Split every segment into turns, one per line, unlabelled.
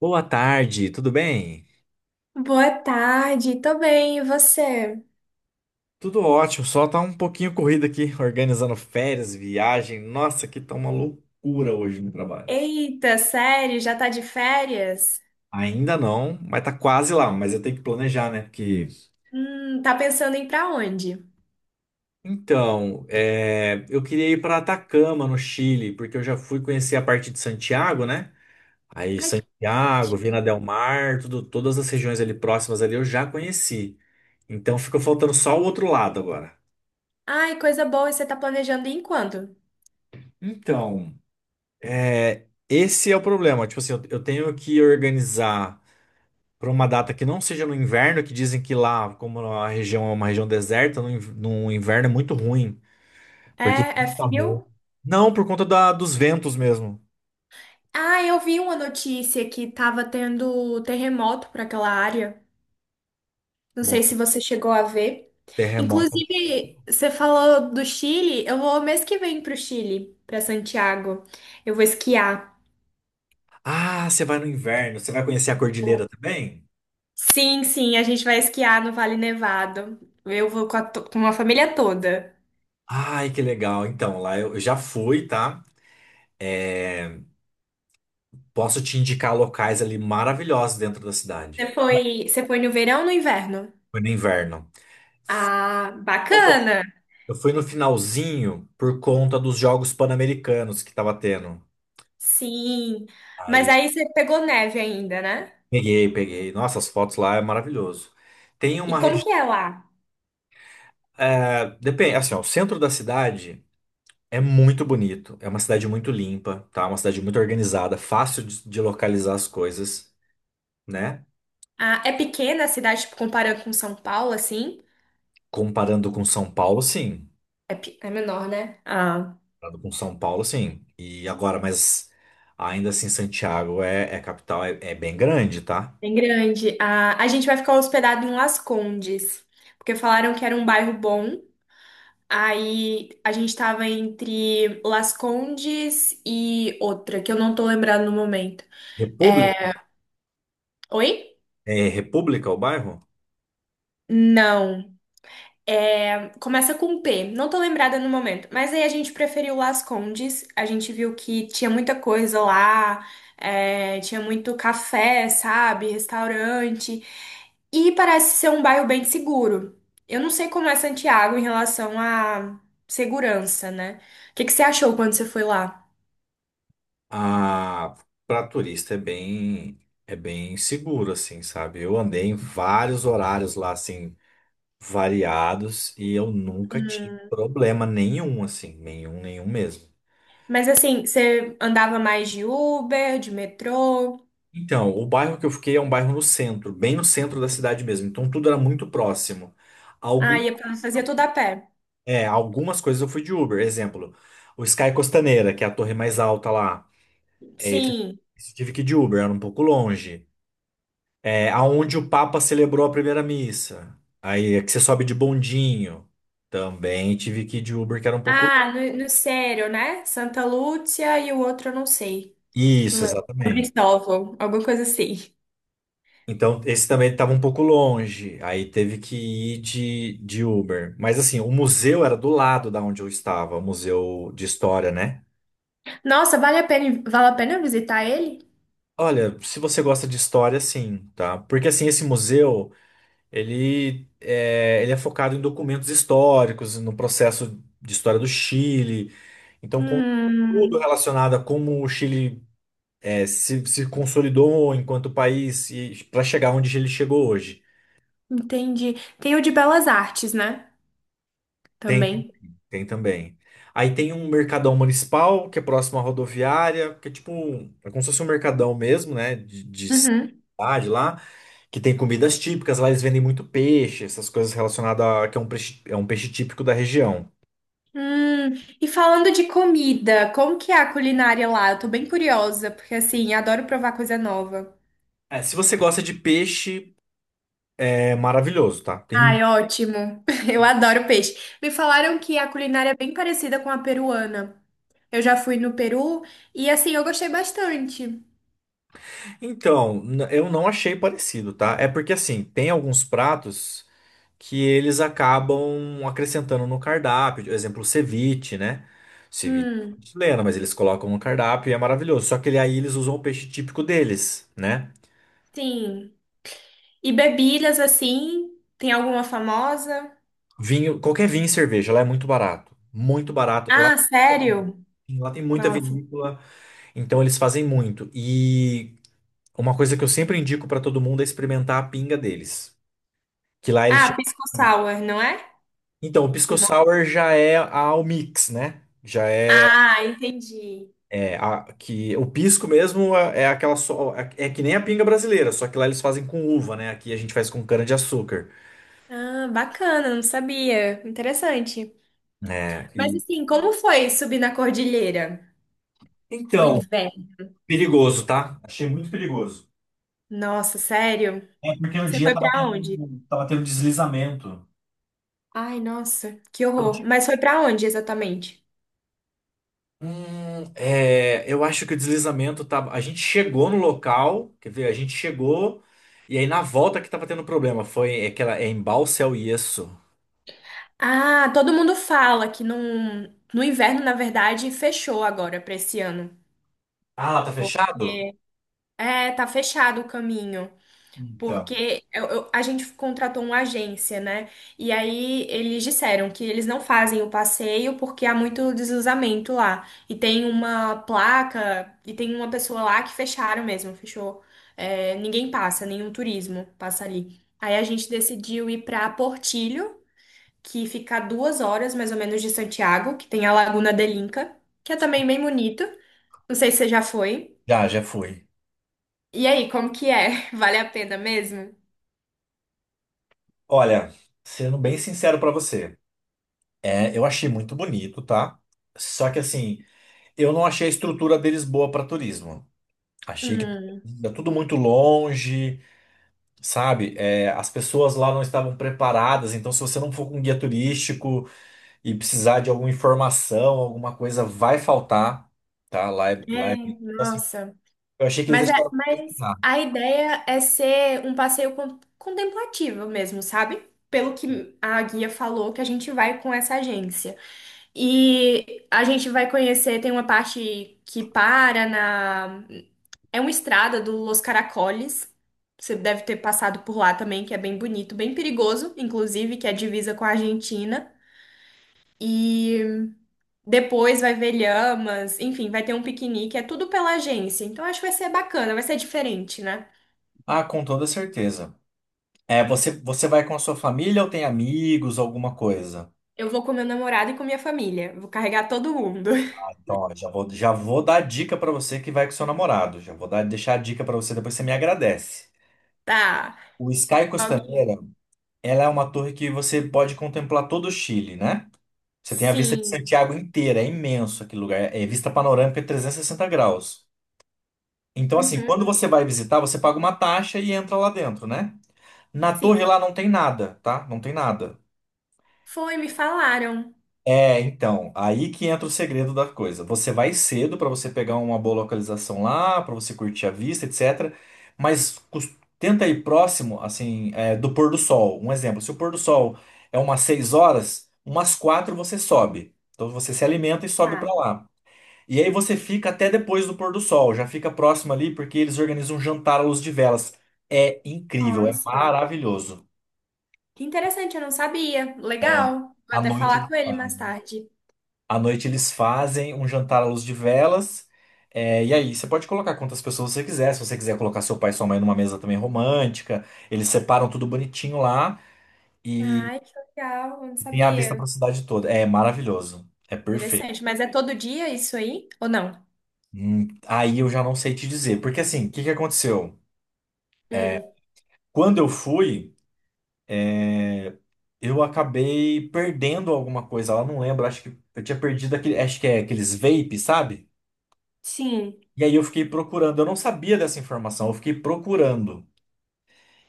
Boa tarde, tudo bem?
Boa tarde, tô bem, e você?
Tudo ótimo, só tá um pouquinho corrido aqui, organizando férias, viagem. Nossa, que tá uma loucura hoje no trabalho.
Eita, sério, já tá de férias?
Ainda não, mas tá quase lá, mas eu tenho que planejar, né? Porque.
Tá pensando em ir pra onde?
Então, eu queria ir pra Atacama, no Chile, porque eu já fui conhecer a parte de Santiago, né? Aí
Ai, que
Santiago, Vina
ótimo.
del Mar, tudo, todas as regiões ali próximas ali eu já conheci. Então ficou faltando só o outro lado agora.
Ai, coisa boa, você tá planejando ir em quando?
Então. É, esse é o problema. Tipo assim, eu tenho que organizar para uma data que não seja no inverno, que dizem que lá, como a região é uma região deserta, no inverno é muito ruim, porque
É, é
venta muito.
frio?
Não, por conta dos ventos mesmo.
Ah, eu vi uma notícia que tava tendo terremoto pra aquela área. Não
Bom,
sei se você chegou a ver.
terremoto.
Inclusive, você falou do Chile, eu vou mês que vem pro Chile, pra Santiago. Eu vou esquiar.
Ah, você vai no inverno, você vai conhecer a cordilheira também?
Sim, sim, a gente vai esquiar no Vale Nevado. Eu vou com a, com a família toda.
Ai, que legal. Então, lá eu já fui, tá? Posso te indicar locais ali maravilhosos dentro da cidade.
Você foi no verão ou no inverno?
Foi no inverno.
Ah, bacana!
Eu fui no finalzinho por conta dos Jogos Pan-Americanos que tava tendo.
Sim.
Aí
Mas
eu
aí você pegou neve ainda, né?
peguei, peguei. Nossa, as fotos lá é maravilhoso. Tem
E
uma
como
região.
que é lá?
Depende, assim, ó, o centro da cidade é muito bonito. É uma cidade muito limpa, tá? Uma cidade muito organizada, fácil de localizar as coisas, né?
Ah, é pequena a cidade, tipo, comparando com São Paulo, assim?
Comparando com São Paulo, sim.
É, é menor, né? Ah,
Comparando com São Paulo, sim. E agora, mas ainda assim, Santiago é, é capital, é bem grande, tá?
bem grande. Ah, a gente vai ficar hospedado em Las Condes, porque falaram que era um bairro bom. Aí a gente tava entre Las Condes e outra, que eu não tô lembrando no momento.
República,
É, oi?
é República o bairro?
Não. É, começa com P. Não tô lembrada no momento. Mas aí a gente preferiu Las Condes. A gente viu que tinha muita coisa lá. É, tinha muito café, sabe? Restaurante. E parece ser um bairro bem seguro. Eu não sei como é Santiago em relação à segurança, né? O que que você achou quando você foi lá?
Ah, para turista é bem seguro assim, sabe? Eu andei em vários horários lá assim variados e eu nunca tive problema nenhum assim, nenhum, nenhum mesmo.
Mas assim, você andava mais de Uber, de metrô?
Então, o bairro que eu fiquei é um bairro no centro, bem no centro da cidade mesmo, então tudo era muito próximo.
Ah,
Algum
fazia tudo a pé.
Algumas coisas eu fui de Uber, exemplo, o Sky Costaneira, que é a torre mais alta lá, é, esse
Sim.
esse eu tive que ir de Uber, era um pouco longe. É, aonde o Papa celebrou a primeira missa. Aí é que você sobe de bondinho. Também tive que ir de Uber, que era um pouco.
Ah, no, no Sério, né? Santa Lúcia e o outro eu não sei. Não
Isso,
lembro. São
exatamente.
Cristóvão, alguma coisa assim.
Então, esse também estava um pouco longe. Aí teve que ir de Uber. Mas assim, o museu era do lado da onde eu estava, o museu de história, né?
Nossa, vale a pena visitar ele?
Olha, se você gosta de história, sim, tá? Porque assim, esse museu, ele é focado em documentos históricos, no processo de história do Chile. Então, conta tudo
Hum,
relacionado a como o Chile se consolidou enquanto país e para chegar onde ele chegou hoje.
entendi. Tem o de Belas Artes, né?
Tem,
Também.
tem também. Aí tem um mercadão municipal, que é próximo à rodoviária, que é tipo, é como se fosse um mercadão mesmo, né? De
Uhum.
cidade lá, que tem comidas típicas. Lá eles vendem muito peixe, essas coisas relacionadas a que é um peixe típico da região.
Hum, e falando de comida, como que é a culinária lá? Eu tô bem curiosa, porque assim, adoro provar coisa nova.
É, se você gosta de peixe, é maravilhoso, tá? Tem
Ai, ótimo. Eu adoro peixe. Me falaram que a culinária é bem parecida com a peruana. Eu já fui no Peru e assim eu gostei bastante.
Eu não achei parecido, tá? É porque assim, tem alguns pratos que eles acabam acrescentando no cardápio, por exemplo, o ceviche, né? Ceviche é
Hum,
chileno, mas eles colocam no cardápio e é maravilhoso. Só que aí eles usam o peixe típico deles, né?
sim. E bebidas assim? Tem alguma famosa?
Vinho, qualquer vinho e cerveja, lá é muito barato, muito barato. Lá,
Ah, sério?
lá tem muita
Nossa.
vinícola, então eles fazem muito. E uma coisa que eu sempre indico pra todo mundo é experimentar a pinga deles, que lá eles
Ah,
chamam.
pisco sour, não é?
Então, o
O
pisco
nome?
sour já é ao mix, né? Já é,
Ah, entendi.
que o pisco mesmo é, é aquela só é que nem a pinga brasileira, só que lá eles fazem com uva, né? Aqui a gente faz com cana-de-açúcar.
Ah, bacana, não sabia. Interessante.
É,
Mas
e-
assim, como foi subir na cordilheira no
Então,
inverno?
perigoso, tá? Achei muito perigoso.
Nossa, sério?
É porque no
Você
dia
foi pra onde?
tava tendo um deslizamento.
Ai, nossa, que
Então,
horror.
tipo,
Mas foi pra onde exatamente?
Eu acho que o deslizamento tava. A gente chegou no local, quer ver? A gente chegou e aí na volta que tava tendo problema. Foi aquela é em Balsal isso.
Ah, todo mundo fala que no inverno, na verdade, fechou agora pra esse ano.
Ah, lá tá fechado?
É, é, tá fechado o caminho.
Então,
Porque a gente contratou uma agência, né? E aí eles disseram que eles não fazem o passeio porque há muito deslizamento lá. E tem uma placa, e tem uma pessoa lá que fecharam mesmo, fechou. É, ninguém passa, nenhum turismo passa ali. Aí a gente decidiu ir para Portillo, que fica a 2 horas mais ou menos de Santiago, que tem a Laguna de Inca, que é também bem bonito. Não sei se você já foi.
já, já fui.
E aí, como que é? Vale a pena mesmo?
Olha, sendo bem sincero pra você, é, eu achei muito bonito, tá? Só que assim, eu não achei a estrutura deles boa pra turismo. Achei que é tudo muito longe, sabe? É, as pessoas lá não estavam preparadas, então se você não for com guia turístico e precisar de alguma informação, alguma coisa, vai faltar, tá? Lá é...
É,
Assim,
nossa.
eu achei que eles
Mas,
deixaram. Pra
mas
pesquisar.
a ideia é ser um passeio contemplativo mesmo, sabe? Pelo que a guia falou, que a gente vai com essa agência. E a gente vai conhecer, tem uma parte que para na. É uma estrada do Los Caracoles. Você deve ter passado por lá também, que é bem bonito, bem perigoso, inclusive, que é divisa com a Argentina. Depois vai ver lhamas, enfim, vai ter um piquenique, é tudo pela agência. Então acho que vai ser bacana, vai ser diferente, né?
Ah, com toda certeza. É, você, você vai com a sua família ou tem amigos, alguma coisa?
Eu vou com meu namorado e com minha família, vou carregar todo mundo.
Então, ó, já vou dar a dica pra você que vai com seu namorado. Já vou dar, deixar a dica pra você, depois você me agradece.
Tá.
O Sky
Ok.
Costaneira, ela é uma torre que você pode contemplar todo o Chile, né? Você tem a vista de
Sim.
Santiago inteira, é imenso aquele lugar. É vista panorâmica 360 graus. Então, assim,
Uhum,
quando você vai visitar, você paga uma taxa e entra lá dentro, né? Na torre
sim.
lá não tem nada, tá? Não tem nada.
Foi, me falaram.
É, então, aí que entra o segredo da coisa. Você vai cedo para você pegar uma boa localização lá, para você curtir a vista, etc. Mas cus- tenta ir próximo, assim, é, do pôr do sol. Um exemplo, se o pôr do sol é umas 6 horas, umas 4 você sobe. Então você se alimenta e sobe para
Tá.
lá. E aí você fica até depois do pôr do sol, já fica próximo ali porque eles organizam um jantar à luz de velas. É incrível, é
Nossa.
maravilhoso.
Que interessante, eu não sabia. Legal. Vou
A
até falar
noite.
com ele mais tarde.
À noite eles fazem um jantar à luz de velas. É, e aí, você pode colocar quantas pessoas você quiser. Se você quiser colocar seu pai e sua mãe numa mesa também romântica, eles separam tudo bonitinho lá e
Ai, que legal, eu não
tem a vista pra
sabia.
cidade toda. É maravilhoso. É perfeito.
Interessante, mas é todo dia isso aí? Ou não?
Aí eu já não sei te dizer. Porque assim, o que que aconteceu?
Hum,
Quando eu fui, eu acabei perdendo alguma coisa lá. Não lembro, acho que eu tinha perdido aquele, acho que é aqueles vapes, sabe?
sim.
E aí eu fiquei procurando. Eu não sabia dessa informação, eu fiquei procurando.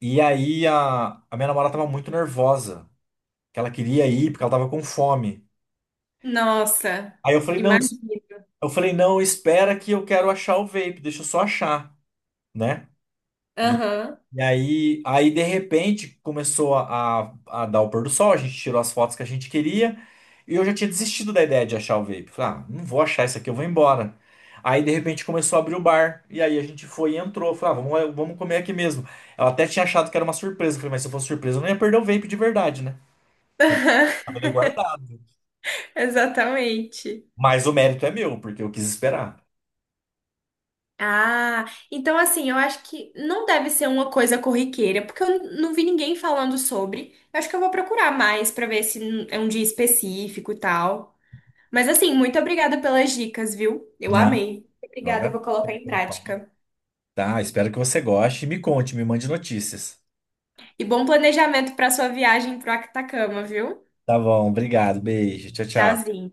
E aí a minha namorada tava muito nervosa, que ela queria ir porque ela tava com fome.
Nossa,
Aí eu falei, não,
imagino.
eu falei, não, espera que eu quero achar o vape, deixa eu só achar, né? E,
Aham.
e aí, de repente começou a dar o pôr do sol, a gente tirou as fotos que a gente queria, e eu já tinha desistido da ideia de achar o vape. Falei, ah, não vou achar isso aqui, eu vou embora. Aí de repente começou a abrir o bar, e aí a gente foi e entrou. Falei, ah, vamos, vamos comer aqui mesmo. Ela até tinha achado que era uma surpresa. Eu falei, mas se fosse surpresa, eu não ia perder o vape de verdade, né? Eu
Aham,
tava ali guardado.
exatamente.
Mas o mérito é meu, porque eu quis esperar.
Ah, então assim, eu acho que não deve ser uma coisa corriqueira, porque eu não vi ninguém falando sobre. Eu acho que eu vou procurar mais pra ver se é um dia específico e tal. Mas assim, muito obrigada pelas dicas, viu? Eu
Não,
amei.
eu
Obrigada, eu
agradeço
vou colocar em
pelo papo.
prática.
Tá, espero que você goste. Me conte, me mande notícias.
E bom planejamento pra sua viagem pro Actacama, viu?
Tá bom, obrigado. Beijo. Tchau, tchau.
Tchauzinho.